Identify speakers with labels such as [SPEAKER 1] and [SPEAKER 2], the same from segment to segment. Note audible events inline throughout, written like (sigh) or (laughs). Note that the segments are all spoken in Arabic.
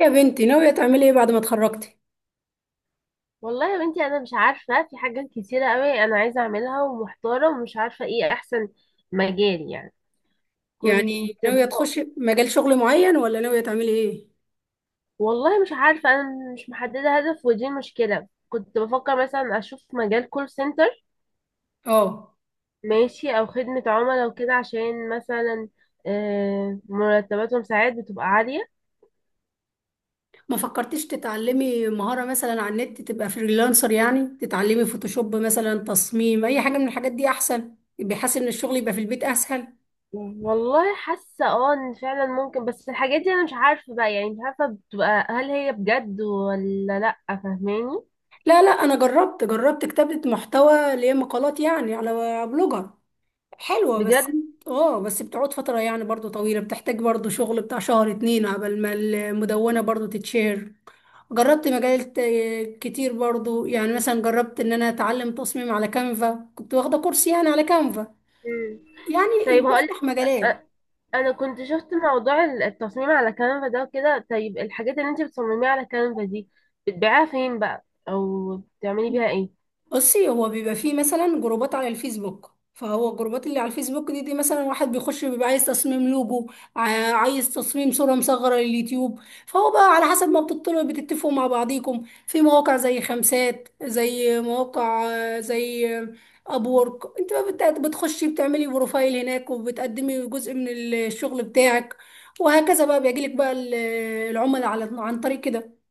[SPEAKER 1] يا بنتي ناوية تعملي ايه بعد ما اتخرجتي؟
[SPEAKER 2] والله يا بنتي، انا مش عارفه، في حاجات كتيره قوي انا عايزه اعملها ومحتاره ومش عارفه ايه احسن مجال يعني.
[SPEAKER 1] يعني
[SPEAKER 2] كنت بف...
[SPEAKER 1] ناوية تخشي مجال شغل معين ولا ناوية تعملي ايه؟
[SPEAKER 2] والله مش عارفه، انا مش محدده هدف ودي مشكله. كنت بفكر مثلا اشوف مجال كول سنتر.
[SPEAKER 1] اه،
[SPEAKER 2] ماشي، او خدمه عملاء وكده عشان مثلا مرتباتهم ساعات بتبقى عاليه.
[SPEAKER 1] ما فكرتيش تتعلمي مهارة مثلا على النت تبقى فريلانسر، يعني تتعلمي فوتوشوب مثلا، تصميم اي حاجة من الحاجات دي احسن بحيث ان الشغل يبقى في البيت اسهل.
[SPEAKER 2] والله حاسه، اه، ان فعلا ممكن، بس الحاجات دي انا مش عارفه بقى، يعني مش عارفه بتبقى، هل هي بجد ولا لا؟ فاهماني؟
[SPEAKER 1] لا لا، انا جربت كتابة محتوى اللي هي مقالات يعني على بلوجر، حلوة بس.
[SPEAKER 2] بجد؟
[SPEAKER 1] اه، بس بتقعد فترة يعني برضو طويلة، بتحتاج برضو شغل بتاع شهر اتنين عبال ما المدونة برضو تتشهر. جربت مجالات كتير برضو، يعني مثلا جربت ان انا اتعلم تصميم على كانفا، كنت واخدة كورس يعني على كانفا.
[SPEAKER 2] مم.
[SPEAKER 1] يعني
[SPEAKER 2] طيب، هقول
[SPEAKER 1] بتفتح
[SPEAKER 2] أ-
[SPEAKER 1] مجالات.
[SPEAKER 2] انا كنت شفت موضوع التصميم على كانفا ده وكده. طيب، الحاجات اللي انت بتصمميها على كانفا دي بتبيعها فين بقى، او بتعملي بيها ايه؟
[SPEAKER 1] بصي، هو بيبقى فيه مثلا جروبات على الفيسبوك، فهو الجروبات اللي على الفيسبوك دي مثلا واحد بيخش بيبقى عايز تصميم لوجو، عايز تصميم صورة مصغرة لليوتيوب. فهو بقى على حسب ما بتطلعوا بتتفقوا مع بعضيكم في مواقع زي خمسات، زي مواقع، زي ابورك. انت بقى بتخشي بتعملي بروفايل هناك وبتقدمي جزء من الشغل بتاعك، وهكذا بقى بيجيلك بقى العملاء على عن طريق كده.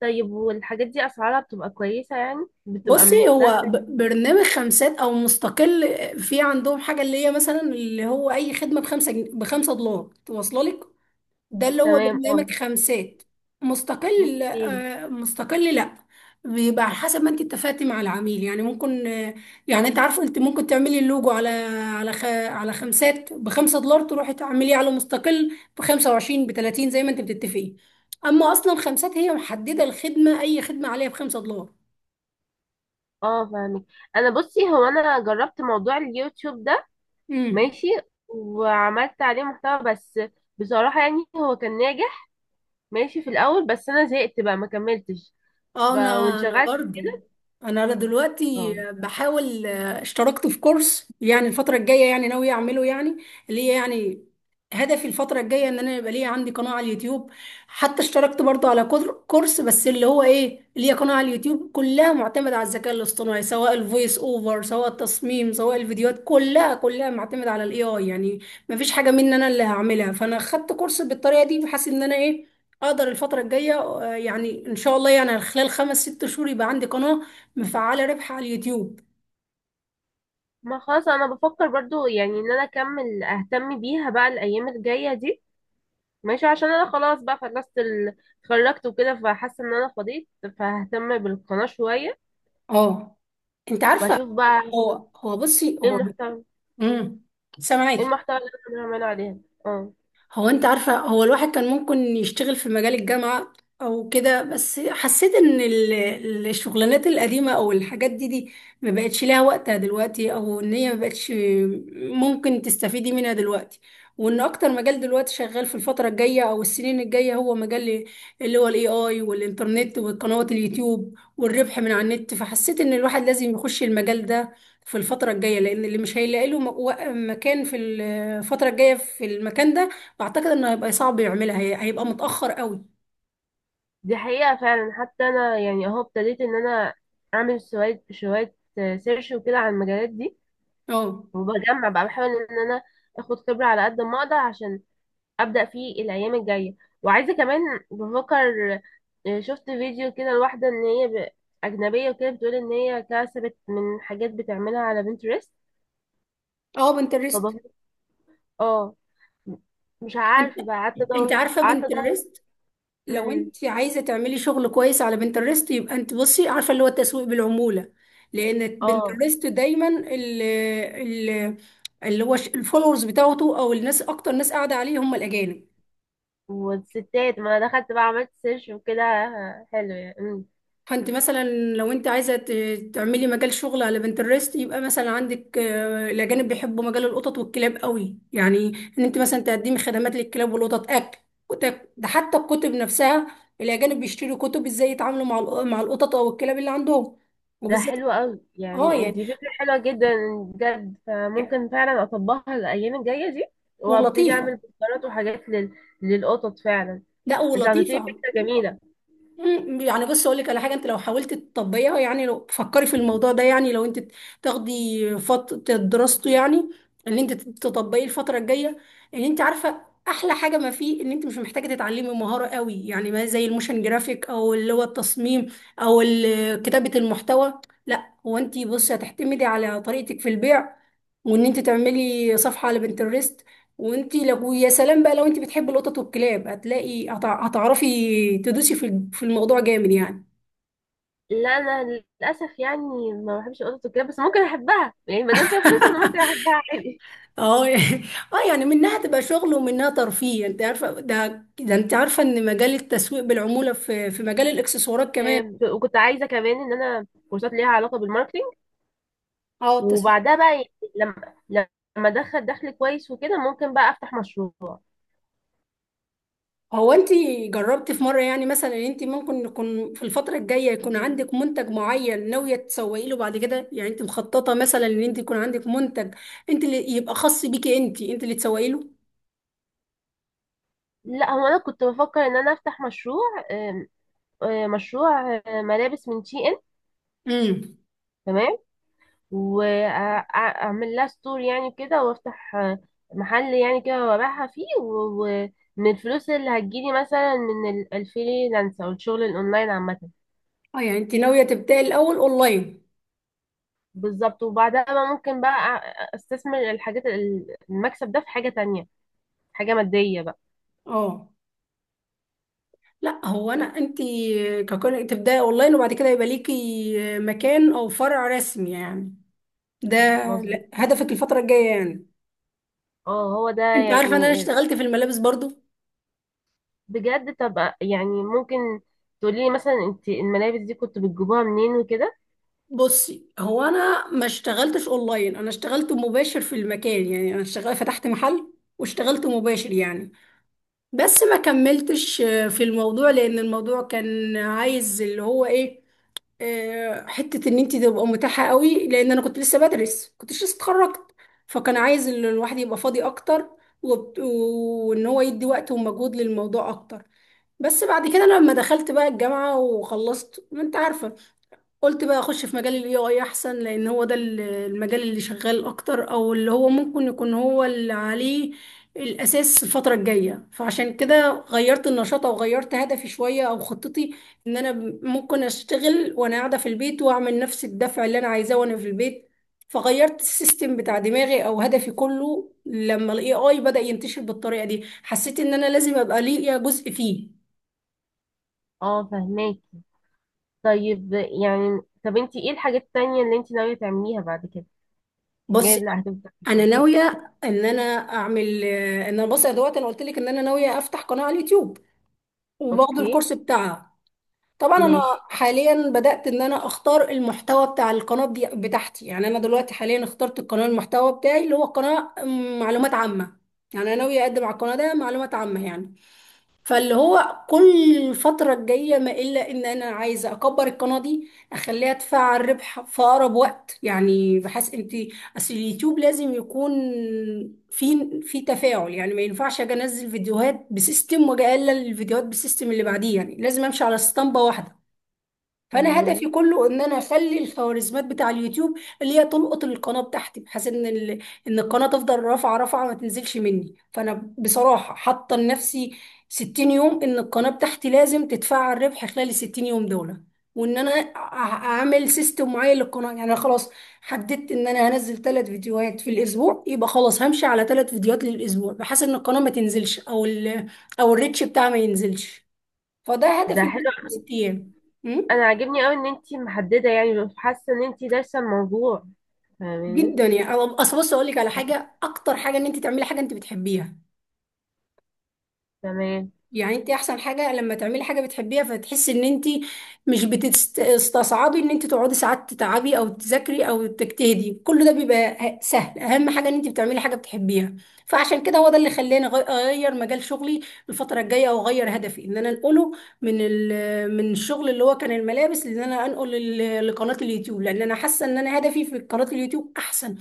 [SPEAKER 2] طيب، والحاجات دي اسعارها بتبقى كويسة؟ يعني بتبقى من
[SPEAKER 1] بصي، هو
[SPEAKER 2] السهل.
[SPEAKER 1] برنامج خمسات او مستقل، في عندهم حاجه اللي هي مثلا اللي هو اي خدمه بخمسه بخمسه دولار توصل لك. ده اللي هو
[SPEAKER 2] تمام، اه.
[SPEAKER 1] برنامج خمسات. مستقل لا،
[SPEAKER 2] اوكي.
[SPEAKER 1] مستقل لا، بيبقى على حسب ما انت اتفقتي مع العميل، يعني ممكن، يعني انت عارفه انت ممكن تعملي اللوجو على على على خمسات بخمسه دولار، تروحي تعمليه على مستقل ب 25 ب 30 زي ما انت بتتفقي. اما اصلا خمسات هي محدده الخدمه، اي خدمه عليها بخمسه دولار.
[SPEAKER 2] اه، فاهمك. انا، بصي هو، انا جربت موضوع اليوتيوب ده.
[SPEAKER 1] امم.
[SPEAKER 2] ماشي. وعملت عليه محتوى، بس بصراحة يعني هو كان ناجح. ماشي في الاول، بس انا زهقت بقى، ما كملتش.
[SPEAKER 1] اه، انا
[SPEAKER 2] وانشغلت.
[SPEAKER 1] برضو انا دلوقتي
[SPEAKER 2] اه.
[SPEAKER 1] بحاول، اشتركت في كورس يعني الفتره الجايه، يعني ناوي اعمله يعني، اللي هي يعني هدفي الفتره الجايه ان انا يبقى ليا عندي قناه على اليوتيوب. حتى اشتركت برضو على كورس بس اللي هو ايه ليا قناه على اليوتيوب كلها معتمده على الذكاء الاصطناعي، سواء الفويس اوفر سواء التصميم سواء الفيديوهات كلها معتمده على الاي اي يعني. مفيش حاجه مني انا اللي هعملها، فانا خدت كورس بالطريقه دي بحيث ان انا ايه اقدر الفترة الجاية، يعني ان شاء الله يعني خلال 5 6 شهور يبقى عندي قناة مفعلة ربح على اليوتيوب.
[SPEAKER 2] ما خلاص، انا بفكر برضو يعني ان انا اكمل اهتم بيها بقى الايام الجايه دي. ماشي عشان انا خلاص بقى خلصت اتخرجت وكده، فحاسه ان انا فضيت. فههتم بالقناه شويه،
[SPEAKER 1] اه. انت عارفة.
[SPEAKER 2] واشوف بقى
[SPEAKER 1] هو بصي
[SPEAKER 2] ايه
[SPEAKER 1] هو.
[SPEAKER 2] المحتوى،
[SPEAKER 1] امم.
[SPEAKER 2] ايه
[SPEAKER 1] سامعاكي.
[SPEAKER 2] المحتوى اللي انا بعمله عليها. اه.
[SPEAKER 1] هو انت عارفة هو الواحد كان ممكن يشتغل في مجال الجامعة او كده، بس حسيت ان الشغلانات القديمة او الحاجات دي ما بقتش ليها وقتها دلوقتي، او ان هي ما بقتش ممكن تستفيدي منها دلوقتي، وان اكتر مجال دلوقتي شغال في الفترة الجاية او السنين الجاية هو مجال اللي هو الاي اي والانترنت وقنوات اليوتيوب والربح من على النت. فحسيت ان الواحد لازم يخش المجال ده في الفترة الجاية، لأن اللي مش هيلاقي له مكان في الفترة الجاية في المكان ده فاعتقد انه هيبقى صعب يعملها، هي هيبقى متاخر قوي.
[SPEAKER 2] دي حقيقه فعلا، حتى انا يعني اهو ابتديت ان انا اعمل شويه شويه سيرش وكده على المجالات دي.
[SPEAKER 1] اه.
[SPEAKER 2] وبجمع بقى، بحاول ان انا اخد خبره على قد ما اقدر عشان ابدا فيه الايام الجايه. وعايزه كمان. بفكر. شفت فيديو كده لواحده ان هي اجنبيه وكده بتقول ان هي كسبت من حاجات بتعملها على بنترست.
[SPEAKER 1] اه، بنترست.
[SPEAKER 2] فبفكر. اه. مش
[SPEAKER 1] انت
[SPEAKER 2] عارفه بقى، قعدت
[SPEAKER 1] انت
[SPEAKER 2] ادور
[SPEAKER 1] عارفه
[SPEAKER 2] قعدت ادور.
[SPEAKER 1] بنترست، لو
[SPEAKER 2] امم.
[SPEAKER 1] انت عايزه تعملي شغل كويس على بنترست يبقى انت بصي عارفه اللي هو التسويق بالعموله، لان
[SPEAKER 2] اه.
[SPEAKER 1] بنترست دايما ال اللي هو الفولورز بتاعته او الناس اكتر ناس قاعده عليه هم الاجانب.
[SPEAKER 2] والستات، ما انا دخلت بقى عملت سيرش وكده، حلو يعني. امم.
[SPEAKER 1] فانت مثلا لو انت عايزه تعملي مجال شغل على بنترست يبقى مثلا عندك، الاجانب بيحبوا مجال القطط والكلاب قوي، يعني ان انت مثلا تقدمي خدمات للكلاب والقطط، اكل، كتب، ده حتى الكتب نفسها الاجانب بيشتروا كتب ازاي يتعاملوا مع مع القطط او الكلاب اللي عندهم
[SPEAKER 2] ده
[SPEAKER 1] وبالذات.
[SPEAKER 2] حلو قوي
[SPEAKER 1] اه
[SPEAKER 2] يعني،
[SPEAKER 1] يعني.
[SPEAKER 2] دي فكره حلوه جدا. بجد،
[SPEAKER 1] يعني-
[SPEAKER 2] فممكن فعلا اطبقها الايام الجايه دي. وابتدي
[SPEAKER 1] ولطيفه.
[SPEAKER 2] اعمل بوسترات وحاجات للقطط فعلا.
[SPEAKER 1] لا،
[SPEAKER 2] انت اعطيتيني
[SPEAKER 1] ولطيفه.
[SPEAKER 2] فكرة جميلة.
[SPEAKER 1] يعني بص اقول لك على حاجه، انت لو حاولت تطبقيها، يعني لو فكري في الموضوع ده، يعني لو انت تاخدي فتره دراسته يعني ان انت تطبقيه الفتره الجايه. ان انت عارفه احلى حاجه ما فيه ان انت مش محتاجه تتعلمي مهاره قوي، يعني ما زي الموشن جرافيك او اللي هو التصميم او كتابه المحتوى. لا، هو انت بصي هتعتمدي على طريقتك في البيع، وان انت تعملي صفحه على بنترست. وانت لو يا سلام بقى لو انت بتحبي القطط والكلاب هتلاقي هتعرفي تدوسي في الموضوع جامد يعني.
[SPEAKER 2] لا، انا للاسف يعني ما بحبش القطط وكده، بس ممكن احبها يعني، ما دام فيها فلوس انا ممكن احبها عادي.
[SPEAKER 1] اه (laughs) اه، يعني منها تبقى شغل ومنها ترفيه. انت عارفه ده، ده انت عارفه ان مجال التسويق بالعموله في مجال الاكسسوارات كمان.
[SPEAKER 2] وكنت عايزه كمان ان انا كورسات ليها علاقه بالماركتينج.
[SPEAKER 1] اه، التسويق.
[SPEAKER 2] وبعدها بقى يعني، لما لما ادخل دخل كويس وكده، ممكن بقى افتح مشروع.
[SPEAKER 1] هو انت جربتي في مره، يعني مثلا ان انت ممكن يكون في الفتره الجايه يكون عندك منتج معين ناويه تسوقي له بعد كده؟ يعني انت مخططه مثلا ان انت يكون عندك منتج انت اللي يبقى خاص بيكي، انت اللي تسوقي له.
[SPEAKER 2] لا، هو انا كنت بفكر ان انا افتح مشروع. آم، مشروع ملابس من شي ان.
[SPEAKER 1] امم.
[SPEAKER 2] تمام. واعمل لها ستور يعني كده، وافتح محل يعني كده، وابيعها فيه ومن الفلوس اللي هتجيلي مثلا من الفريلانس او الشغل الاونلاين عامة.
[SPEAKER 1] اه، يعني انت ناوية تبدأي الأول اونلاين.
[SPEAKER 2] بالظبط، وبعدها بقى ممكن بقى استثمر المكسب ده في حاجة تانية. حاجة مادية بقى.
[SPEAKER 1] اه. لا هو انا انت ككون تبدأي اونلاين وبعد كده يبقى ليكي مكان او فرع رسمي، يعني ده
[SPEAKER 2] مم. مظبوط.
[SPEAKER 1] هدفك الفترة الجاية يعني.
[SPEAKER 2] اه، هو ده
[SPEAKER 1] انت عارفة ان انا
[SPEAKER 2] يعني.
[SPEAKER 1] اشتغلت في الملابس برضو.
[SPEAKER 2] بجد؟ طب يعني ممكن تقولي لي مثلا انت الملابس دي كنت بتجيبوها منين وكده؟
[SPEAKER 1] بصي، هو انا ما اشتغلتش اونلاين، انا اشتغلت مباشر في المكان، يعني انا اشتغلت فتحت محل واشتغلت مباشر يعني. بس ما كملتش في الموضوع، لان الموضوع كان عايز اللي هو ايه، حتة ان انت تبقى متاحة قوي، لان انا كنت لسه بدرس، كنتش لسه اتخرجت، فكان عايز الواحد يبقى فاضي اكتر، وان هو يدي وقت ومجهود للموضوع اكتر. بس بعد كده لما دخلت بقى الجامعة وخلصت، ما انت عارفة، قلت بقى اخش في مجال الاي اي احسن، لان هو ده المجال اللي شغال اكتر، او اللي هو ممكن يكون هو اللي عليه الاساس الفتره الجايه، فعشان كده غيرت النشاط او غيرت هدفي شويه او خطتي، ان انا ممكن اشتغل وانا قاعده في البيت واعمل نفس الدفع اللي انا عايزاه وانا في البيت. فغيرت السيستم بتاع دماغي او هدفي كله لما الاي اي بدأ ينتشر بالطريقه دي، حسيت ان انا لازم ابقى ليا جزء فيه.
[SPEAKER 2] اه، فهماكي. طيب يعني، طب انت ايه الحاجات التانية اللي انت ناوية تعمليها بعد كده؟ ايه
[SPEAKER 1] بص،
[SPEAKER 2] اللي هتبدأ في كده؟
[SPEAKER 1] انا ناويه ان انا اعمل، ان انا بص يا دوت، انا قلت لك ان انا ناويه افتح قناه على اليوتيوب وباخد
[SPEAKER 2] اوكي.
[SPEAKER 1] الكورس بتاعها. طبعا انا
[SPEAKER 2] ماشي.
[SPEAKER 1] حاليا بدات ان انا اختار المحتوى بتاع القناه دي بتاعتي، يعني انا دلوقتي حاليا اخترت القناه المحتوى بتاعي اللي هو قناه معلومات عامه. يعني انا ناويه اقدم على القناه ده معلومات عامه يعني. فاللي هو كل الفترة الجاية ما إلا إن أنا عايزة أكبر القناة دي، أخليها تفعل ربح في أقرب وقت، يعني بحيث أنت. أصل اليوتيوب لازم يكون في تفاعل، يعني ما ينفعش أجي أنزل فيديوهات بسيستم وأجي أقلل الفيديوهات بسيستم اللي بعديه، يعني لازم أمشي على اسطمبة واحدة. فانا
[SPEAKER 2] تمام.
[SPEAKER 1] هدفي كله ان انا اخلي الخوارزميات بتاع اليوتيوب اللي هي تلقط القناه بتاعتي بحيث ان ال... ان القناه تفضل رافعه ما تنزلش مني، فانا بصراحه حاطه لنفسي 60 يوم ان القناه بتاعتي لازم تتفعل ربح خلال ال 60 يوم دول. وان انا اعمل سيستم معين للقناه، يعني انا خلاص حددت ان انا هنزل 3 فيديوهات في الاسبوع، يبقى خلاص همشي على 3 فيديوهات للاسبوع بحيث ان القناه ما تنزلش او ال... او الريتش بتاعها ما ينزلش. فده
[SPEAKER 2] ده
[SPEAKER 1] هدفي لمدة
[SPEAKER 2] حلو.
[SPEAKER 1] 6 ايام. م?
[SPEAKER 2] انا عاجبني قوي ان انت محددة، يعني حاسة ان انت دارسة الموضوع. فاهماني.
[SPEAKER 1] جدا يعني. اصل بص اقول لك على حاجه، اكتر حاجه ان انت تعملي حاجه انت بتحبيها،
[SPEAKER 2] تمام.
[SPEAKER 1] يعني انت احسن حاجه لما تعملي حاجه بتحبيها، فتحسي ان انت مش بتستصعبي ان انت تقعدي ساعات تتعبي او تذاكري او تجتهدي، كل ده بيبقى سهل، اهم حاجه ان انت بتعملي حاجه بتحبيها. فعشان كده هو ده اللي خلاني اغير مجال شغلي الفتره الجايه، او اغير هدفي ان انا انقله من من الشغل اللي هو كان الملابس، ان انا انقل لقناه اليوتيوب، لان انا حاسه ان انا هدفي في قناه اليوتيوب احسن،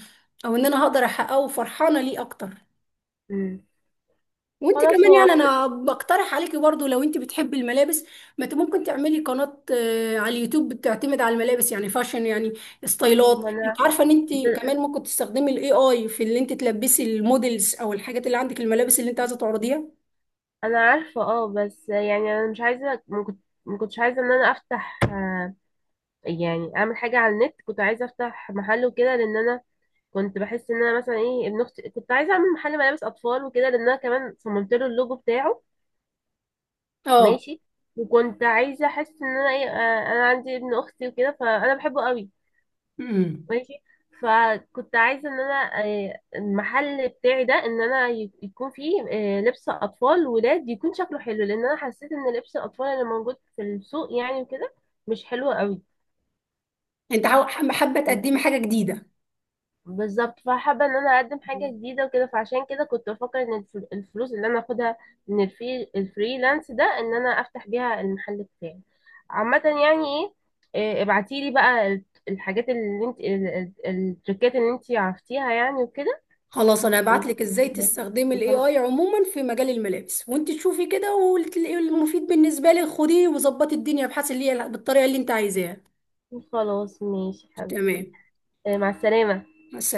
[SPEAKER 1] او ان انا هقدر احققه وفرحانه ليه اكتر.
[SPEAKER 2] مم.
[SPEAKER 1] وانت
[SPEAKER 2] خلاص،
[SPEAKER 1] كمان
[SPEAKER 2] هو
[SPEAKER 1] يعني
[SPEAKER 2] كده.
[SPEAKER 1] انا بقترح عليكي برضو لو انت بتحبي الملابس، ما انت ممكن تعملي قناة على اليوتيوب بتعتمد على الملابس، يعني فاشن، يعني ستايلات.
[SPEAKER 2] ما انا.
[SPEAKER 1] انت عارفة ان انت كمان ممكن تستخدمي الاي اي في اللي انت تلبسي المودلز او الحاجات اللي عندك الملابس اللي انت عايزة تعرضيها.
[SPEAKER 2] انا عارفة، اه، بس يعني انا مش عايزة، ما كنتش عايزة ان انا افتح يعني اعمل حاجة على النت. كنت عايزة افتح محل وكده، لان انا كنت بحس ان انا مثلا ايه، ابن اختي كنت عايزه اعمل محل ملابس اطفال وكده، لان انا كمان صممت له اللوجو بتاعه.
[SPEAKER 1] اه.
[SPEAKER 2] ماشي. وكنت عايزه احس ان انا ايه، انا عندي ابن اختي وكده، فانا بحبه قوي.
[SPEAKER 1] امم.
[SPEAKER 2] ماشي. فكنت عايزه ان انا، المحل بتاعي ده ان انا يكون فيه لبس اطفال ولاد يكون شكله حلو، لان انا حسيت ان لبس الاطفال اللي موجود في السوق يعني وكده مش حلو قوي.
[SPEAKER 1] انت حابة تقدمي حاجة جديدة.
[SPEAKER 2] بالظبط، فحابة ان انا اقدم حاجة جديدة وكده، فعشان كده كنت بفكر ان الفلوس اللي انا اخدها من الفريلانس ده، ان انا افتح بيها المحل بتاعي. عامة يعني ايه، إيه، ابعتيلي بقى ال- الحاجات اللي انت ال- ال- التريكات اللي انت عرفتيها يعني وكده.
[SPEAKER 1] خلاص انا
[SPEAKER 2] و-
[SPEAKER 1] هبعت لك ازاي تستخدمي الاي اي عموما في مجال الملابس وانت تشوفي كده، واللي المفيد بالنسبة لك خديه وظبطي الدنيا بحيث اللي هي بالطريقة اللي انت عايزاها.
[SPEAKER 2] وخلاص، ماشي حبيبتي.
[SPEAKER 1] تمام.
[SPEAKER 2] إيه، مع السلامة.
[SPEAKER 1] مع السلامة.